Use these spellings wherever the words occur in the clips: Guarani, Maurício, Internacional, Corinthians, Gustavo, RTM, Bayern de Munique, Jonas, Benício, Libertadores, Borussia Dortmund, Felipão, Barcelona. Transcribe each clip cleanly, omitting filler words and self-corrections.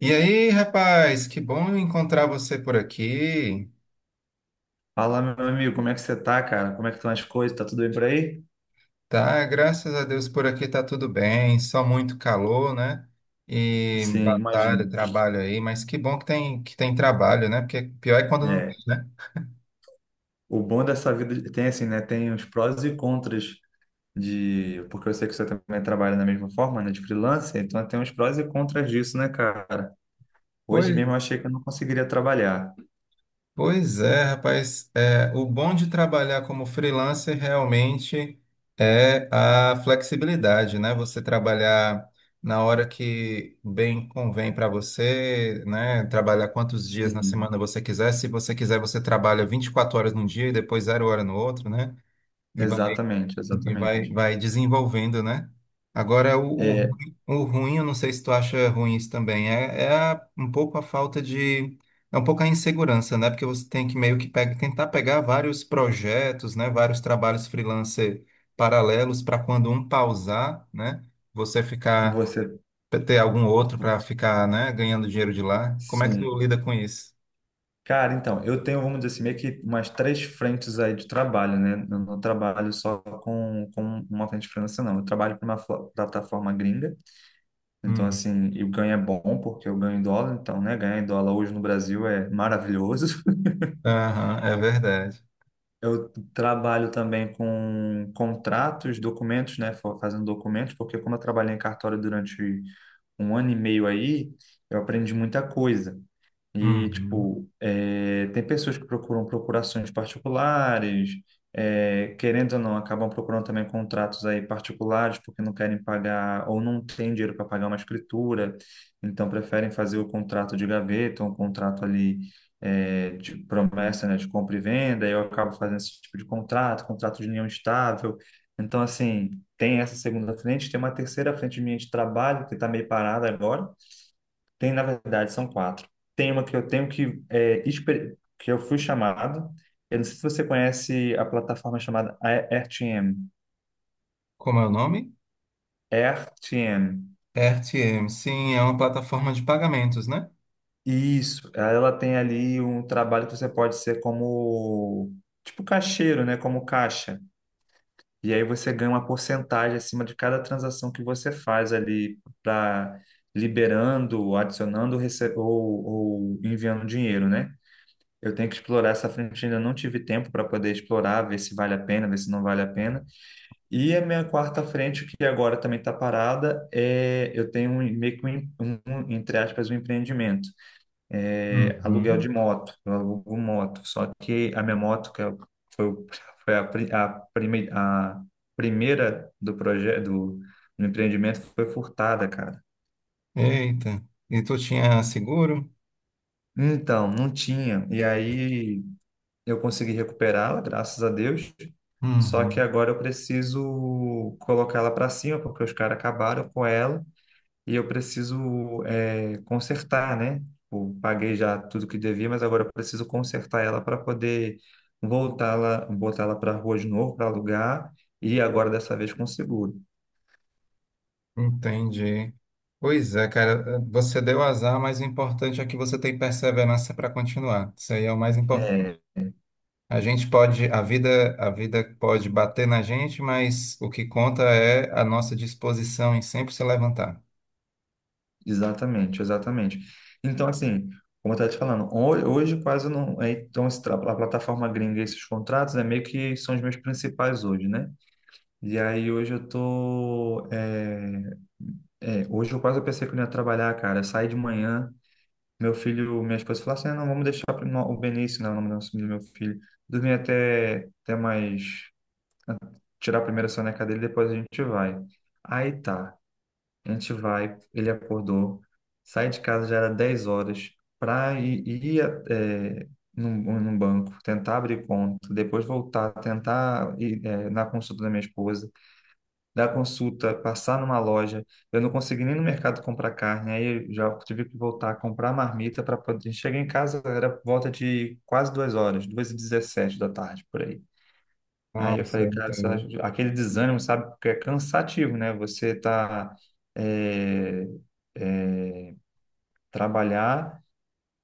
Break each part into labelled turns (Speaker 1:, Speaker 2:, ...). Speaker 1: E aí, rapaz, que bom encontrar você por aqui.
Speaker 2: Fala, meu amigo, como é que você tá, cara? Como é que estão as coisas? Tá tudo bem por aí?
Speaker 1: Tá, graças a Deus por aqui tá tudo bem, só muito calor, né? E
Speaker 2: Sim, imagino.
Speaker 1: batalha, trabalho aí, mas que bom que tem trabalho, né? Porque pior é quando não.
Speaker 2: É, o bom dessa vida tem assim, né? Tem os prós e contras porque eu sei que você também trabalha da mesma forma, né? De freelancer, então tem os prós e contras disso, né, cara? Hoje
Speaker 1: Pois
Speaker 2: mesmo eu achei que eu não conseguiria trabalhar.
Speaker 1: Pois é, rapaz. É, o bom de trabalhar como freelancer realmente é a flexibilidade, né? Você trabalhar na hora que bem convém para você, né? Trabalhar quantos dias na
Speaker 2: Sim,
Speaker 1: semana você quiser. Se você quiser, você trabalha 24 horas num dia e depois zero hora no outro, né?
Speaker 2: exatamente,
Speaker 1: E vai,
Speaker 2: exatamente.
Speaker 1: vai desenvolvendo, né? Agora, o, o,
Speaker 2: É,
Speaker 1: ruim, o ruim, eu não sei se tu acha ruim isso também, é um pouco a falta de. É um pouco a insegurança, né? Porque você tem que meio que tentar pegar vários projetos, né? Vários trabalhos freelancer paralelos para quando um pausar, né? Você ficar,
Speaker 2: você,
Speaker 1: ter algum outro para ficar, né? Ganhando dinheiro de lá. Como é que tu
Speaker 2: sim.
Speaker 1: lida com isso?
Speaker 2: Cara, então, eu tenho, vamos dizer assim, meio que umas três frentes aí de trabalho, né? Eu não trabalho só com uma frente financeira, não. Eu trabalho para uma plataforma gringa, então,
Speaker 1: Uhum.
Speaker 2: assim, e o ganho é bom, porque eu ganho em dólar, então, né? Ganhar em dólar hoje no Brasil é maravilhoso.
Speaker 1: Aham, é verdade.
Speaker 2: Eu trabalho também com contratos, documentos, né? Fazendo documentos, porque como eu trabalhei em cartório durante um ano e meio aí, eu aprendi muita coisa. E,
Speaker 1: Uhum.
Speaker 2: tipo, tem pessoas que procuram procurações particulares, querendo ou não, acabam procurando também contratos aí particulares porque não querem pagar ou não têm dinheiro para pagar uma escritura, então preferem fazer o contrato de gaveta, um contrato ali de promessa, né, de compra e venda, e eu acabo fazendo esse tipo de contrato, contrato de união estável. Então, assim, tem essa segunda frente, tem uma terceira frente minha de trabalho que está meio parada agora. Tem, na verdade, são quatro. Tem uma que eu tenho que que eu fui chamado. Eu não sei se você conhece a plataforma chamada RTM.
Speaker 1: Como é o nome?
Speaker 2: RTM.
Speaker 1: RTM, sim, é uma plataforma de pagamentos, né?
Speaker 2: Isso. Ela tem ali um trabalho que você pode ser como tipo caixeiro, né? Como caixa. E aí você ganha uma porcentagem acima de cada transação que você faz ali para liberando, adicionando ou enviando dinheiro, né? Eu tenho que explorar essa frente, ainda não tive tempo para poder explorar, ver se vale a pena, ver se não vale a pena. E a minha quarta frente, que agora também está parada, é eu tenho um, meio que um, um, entre aspas, um empreendimento, aluguel de
Speaker 1: Uhum.
Speaker 2: moto, eu alugo moto. Só que a minha moto, que foi, foi a primeira do projeto, do empreendimento, foi furtada, cara.
Speaker 1: Eita, e tu tinha seguro?
Speaker 2: Então, não tinha. E aí eu consegui recuperá-la, graças a Deus. Só que
Speaker 1: Uhum.
Speaker 2: agora eu preciso colocá-la para cima, porque os caras acabaram com ela e eu preciso consertar, né? Eu paguei já tudo que devia, mas agora eu preciso consertar ela para poder voltá-la, botá-la para a rua de novo, para alugar, e agora dessa vez com seguro.
Speaker 1: Entendi. Pois é, cara, você deu azar, mas o importante é que você tem perseverança para continuar. Isso aí é o mais importante.
Speaker 2: É,
Speaker 1: A gente pode, a vida pode bater na gente, mas o que conta é a nossa disposição em sempre se levantar.
Speaker 2: exatamente, exatamente. Então, assim, como eu estava te falando, hoje quase não. Então, esse a plataforma gringa, e esses contratos, é meio que são os meus principais hoje, né? E aí, hoje eu tô. É, é, hoje eu quase pensei que eu não ia trabalhar, cara. Eu saí de manhã, meu filho, minha esposa falou assim: "Ah, não, vamos deixar pro o Benício, né, o nome do meu filho, dormir até mais. Tirar a primeira soneca dele, depois a gente vai. Aí tá. A gente vai, ele acordou, sai de casa, já era 10 horas, para ir é, num banco, tentar abrir conta, depois voltar, tentar ir na consulta da minha esposa, dar consulta, passar numa loja. Eu não consegui nem no mercado comprar carne, aí eu já tive que voltar a comprar marmita para poder. Cheguei em casa, era volta de quase 2 horas, duas h 17 da tarde, por aí. Aí eu
Speaker 1: Nossa,
Speaker 2: falei,
Speaker 1: eu
Speaker 2: cara, isso
Speaker 1: entendo.
Speaker 2: aquele desânimo, sabe? Porque é cansativo, né? Você tá é, é, trabalhar,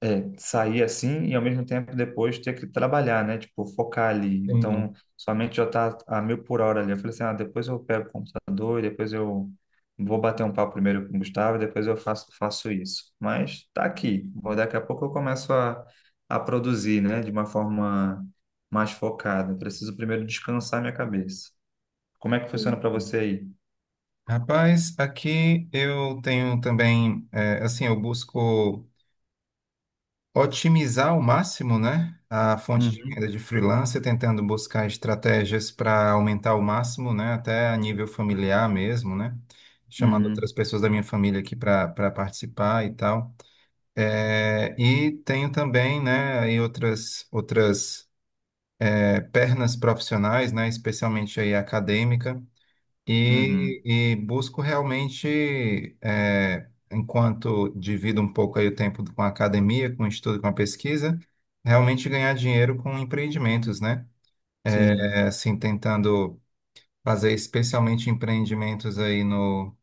Speaker 2: sair assim e ao mesmo tempo depois ter que trabalhar, né? Tipo, focar ali.
Speaker 1: Sim.
Speaker 2: Então, sua mente já tá a mil por hora ali. Eu falei assim, ah, depois eu pego o computador, e depois eu vou bater um papo primeiro com o Gustavo, e depois eu faço isso. Mas tá aqui. Daqui a pouco eu começo a produzir, né? De uma forma mais focada. Preciso primeiro descansar minha cabeça. Como é que funciona para você aí?
Speaker 1: Rapaz, aqui eu tenho também, é, assim, eu busco otimizar ao máximo, né, a fonte de
Speaker 2: Uhum,
Speaker 1: renda de freelancer, tentando buscar estratégias para aumentar ao máximo, né, até a nível familiar mesmo, né, chamando outras
Speaker 2: uhum,
Speaker 1: pessoas da minha família aqui para participar e tal. É, e tenho também, né, aí outras é, pernas profissionais, né, especialmente aí a acadêmica.
Speaker 2: uhum.
Speaker 1: E busco realmente, é, enquanto divido um pouco aí o tempo com a academia, com o estudo, com a pesquisa, realmente ganhar dinheiro com empreendimentos, né?
Speaker 2: Sim.
Speaker 1: É, assim, tentando fazer especialmente empreendimentos aí no,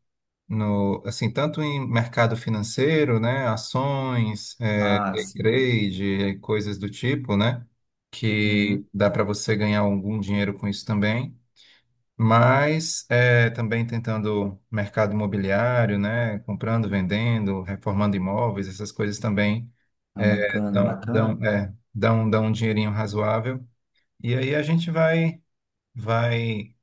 Speaker 1: no, assim, tanto em mercado financeiro, né? Ações, é,
Speaker 2: Ah,
Speaker 1: day
Speaker 2: sim.
Speaker 1: trade, é, coisas do tipo, né?
Speaker 2: Uhum.
Speaker 1: Que dá para você ganhar algum dinheiro com isso também, mas é, também tentando mercado imobiliário, né? Comprando, vendendo, reformando imóveis, essas coisas também
Speaker 2: Ah,
Speaker 1: é,
Speaker 2: bacana,
Speaker 1: dão,
Speaker 2: bacana.
Speaker 1: dão, é, dão, dão um dinheirinho razoável. E aí a gente vai,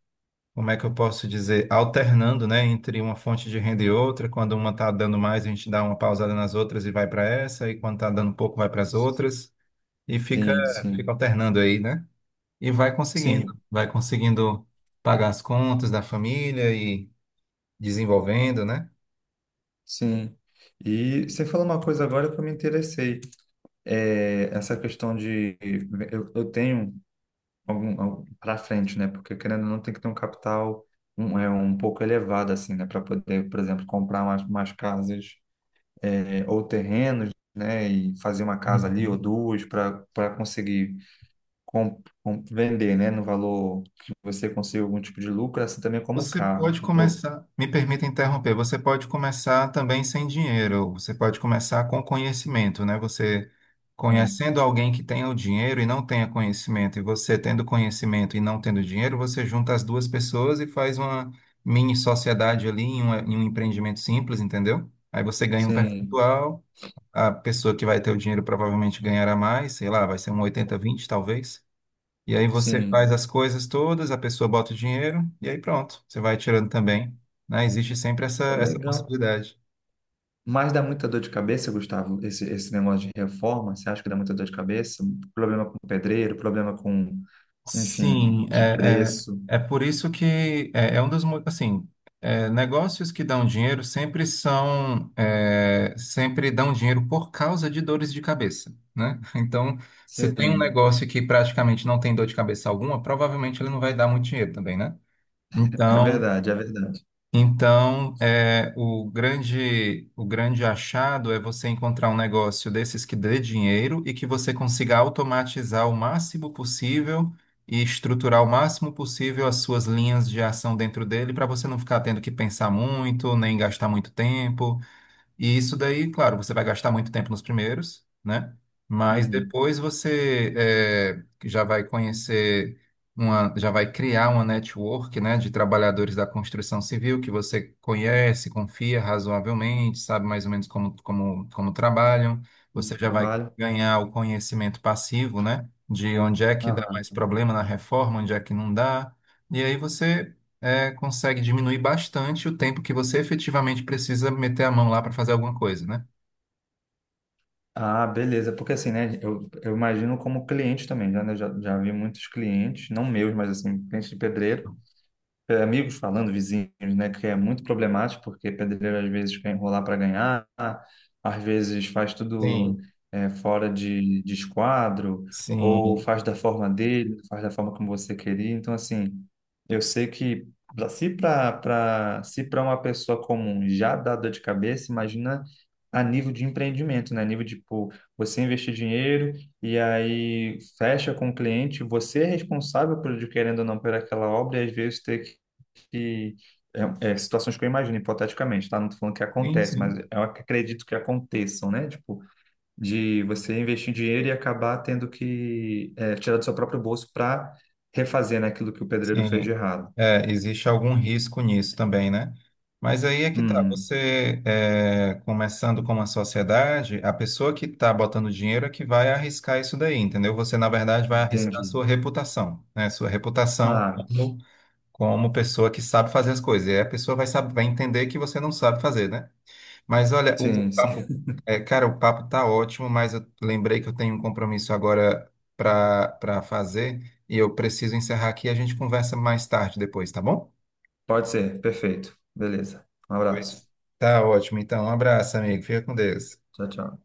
Speaker 1: como é que eu posso dizer, alternando, né, entre uma fonte de renda e outra. Quando uma está dando mais, a gente dá uma pausada nas outras e vai para essa, e quando está dando pouco, vai para as outras, e fica,
Speaker 2: Sim,
Speaker 1: fica
Speaker 2: sim.
Speaker 1: alternando aí, né? E vai conseguindo,
Speaker 2: Sim,
Speaker 1: vai conseguindo pagar as contas da família e desenvolvendo, né?
Speaker 2: sim. E você falou uma coisa agora que eu me interessei. É, essa questão de eu tenho algum, para frente, né? Porque querendo ou não tem que ter um capital um, é um pouco elevado assim, né, para poder, por exemplo, comprar mais, mais casas ou terrenos, né, e fazer uma casa ali ou
Speaker 1: Uhum.
Speaker 2: duas para conseguir vender, né, no valor que você consiga algum tipo de lucro, assim também como o
Speaker 1: Você
Speaker 2: carro.
Speaker 1: pode
Speaker 2: Ou-
Speaker 1: começar, me permita interromper, você pode começar também sem dinheiro, você pode começar com conhecimento, né? Você
Speaker 2: hum,
Speaker 1: conhecendo alguém que tenha o dinheiro e não tenha conhecimento, e você tendo conhecimento e não tendo dinheiro, você junta as duas pessoas e faz uma mini sociedade ali em um empreendimento simples, entendeu? Aí você ganha um
Speaker 2: sim,
Speaker 1: percentual. A pessoa que vai ter o dinheiro provavelmente ganhará mais, sei lá, vai ser um 80-20 talvez. E aí você
Speaker 2: sim.
Speaker 1: faz as coisas todas, a pessoa bota o dinheiro e aí pronto, você vai tirando também, né? Existe sempre essa
Speaker 2: Legal.
Speaker 1: possibilidade.
Speaker 2: Mas dá muita dor de cabeça, Gustavo, esse negócio de reforma? Você acha que dá muita dor de cabeça? Problema com pedreiro, problema com, enfim,
Speaker 1: Sim,
Speaker 2: de
Speaker 1: é,
Speaker 2: preço.
Speaker 1: é, é por isso que é um dos, assim, é, negócios que dão dinheiro sempre são, é, sempre dão dinheiro por causa de dores de cabeça, né? Então, se tem um
Speaker 2: Sim,
Speaker 1: negócio que praticamente não tem dor de cabeça alguma, provavelmente ele não vai dar muito dinheiro também, né?
Speaker 2: é
Speaker 1: Então,
Speaker 2: verdade, é verdade.
Speaker 1: então, é, o grande achado é você encontrar um negócio desses que dê dinheiro e que você consiga automatizar o máximo possível e estruturar o máximo possível as suas linhas de ação dentro dele para você não ficar tendo que pensar muito, nem gastar muito tempo. E isso daí, claro, você vai gastar muito tempo nos primeiros, né? Mas
Speaker 2: Uhum.
Speaker 1: depois você já vai já vai criar uma network, né, de trabalhadores da construção civil que você conhece, confia razoavelmente, sabe mais ou menos como trabalham. Você
Speaker 2: Muito
Speaker 1: já vai
Speaker 2: trabalho.
Speaker 1: ganhar o conhecimento passivo, né, de onde é que dá mais
Speaker 2: Aham.
Speaker 1: problema na reforma, onde é que não dá. E aí você é, consegue diminuir bastante o tempo que você efetivamente precisa meter a mão lá para fazer alguma coisa, né?
Speaker 2: Ah, beleza. Porque assim, né? Eu imagino como cliente também, já, né? Já vi muitos clientes, não meus, mas assim, clientes de pedreiro amigos falando, vizinhos, né, que é muito problemático, porque pedreiro às vezes quer enrolar para ganhar, às vezes faz tudo
Speaker 1: Sim,
Speaker 2: fora de esquadro, ou
Speaker 1: sim,
Speaker 2: faz da forma dele, faz da forma como você queria. Então, assim, eu sei que se para uma pessoa comum já dá dor de cabeça, imagina a nível de empreendimento, né? A nível de, tipo, você investir dinheiro e aí fecha com o cliente, você é responsável por, querendo ou não, por aquela obra e às vezes ter que situações que eu imagino, hipoteticamente, tá? Não tô falando que
Speaker 1: sim,
Speaker 2: acontece, mas
Speaker 1: sim.
Speaker 2: eu acredito que aconteçam, né? Tipo, de você investir dinheiro e acabar tendo que tirar do seu próprio bolso para refazer, né, aquilo que o pedreiro fez de
Speaker 1: Sim.
Speaker 2: errado.
Speaker 1: É, existe algum risco nisso também, né? Mas aí é que tá,
Speaker 2: Hum,
Speaker 1: você é, começando com uma sociedade, a pessoa que está botando dinheiro é que vai arriscar isso daí, entendeu? Você, na verdade, vai arriscar a
Speaker 2: entendi.
Speaker 1: sua reputação, né? Sua reputação
Speaker 2: Ah,
Speaker 1: como, como pessoa que sabe fazer as coisas. E aí a pessoa vai, saber, vai entender que você não sabe fazer, né? Mas olha, o, o
Speaker 2: sim,
Speaker 1: papo,
Speaker 2: sim.
Speaker 1: é, cara, o papo tá ótimo, mas eu lembrei que eu tenho um compromisso agora para fazer e eu preciso encerrar aqui. A gente conversa mais tarde depois, tá bom?
Speaker 2: Pode ser, perfeito. Beleza. Um
Speaker 1: Pois.
Speaker 2: abraço.
Speaker 1: Tá ótimo. Então, um abraço, amigo. Fica com Deus.
Speaker 2: Tchau, tchau.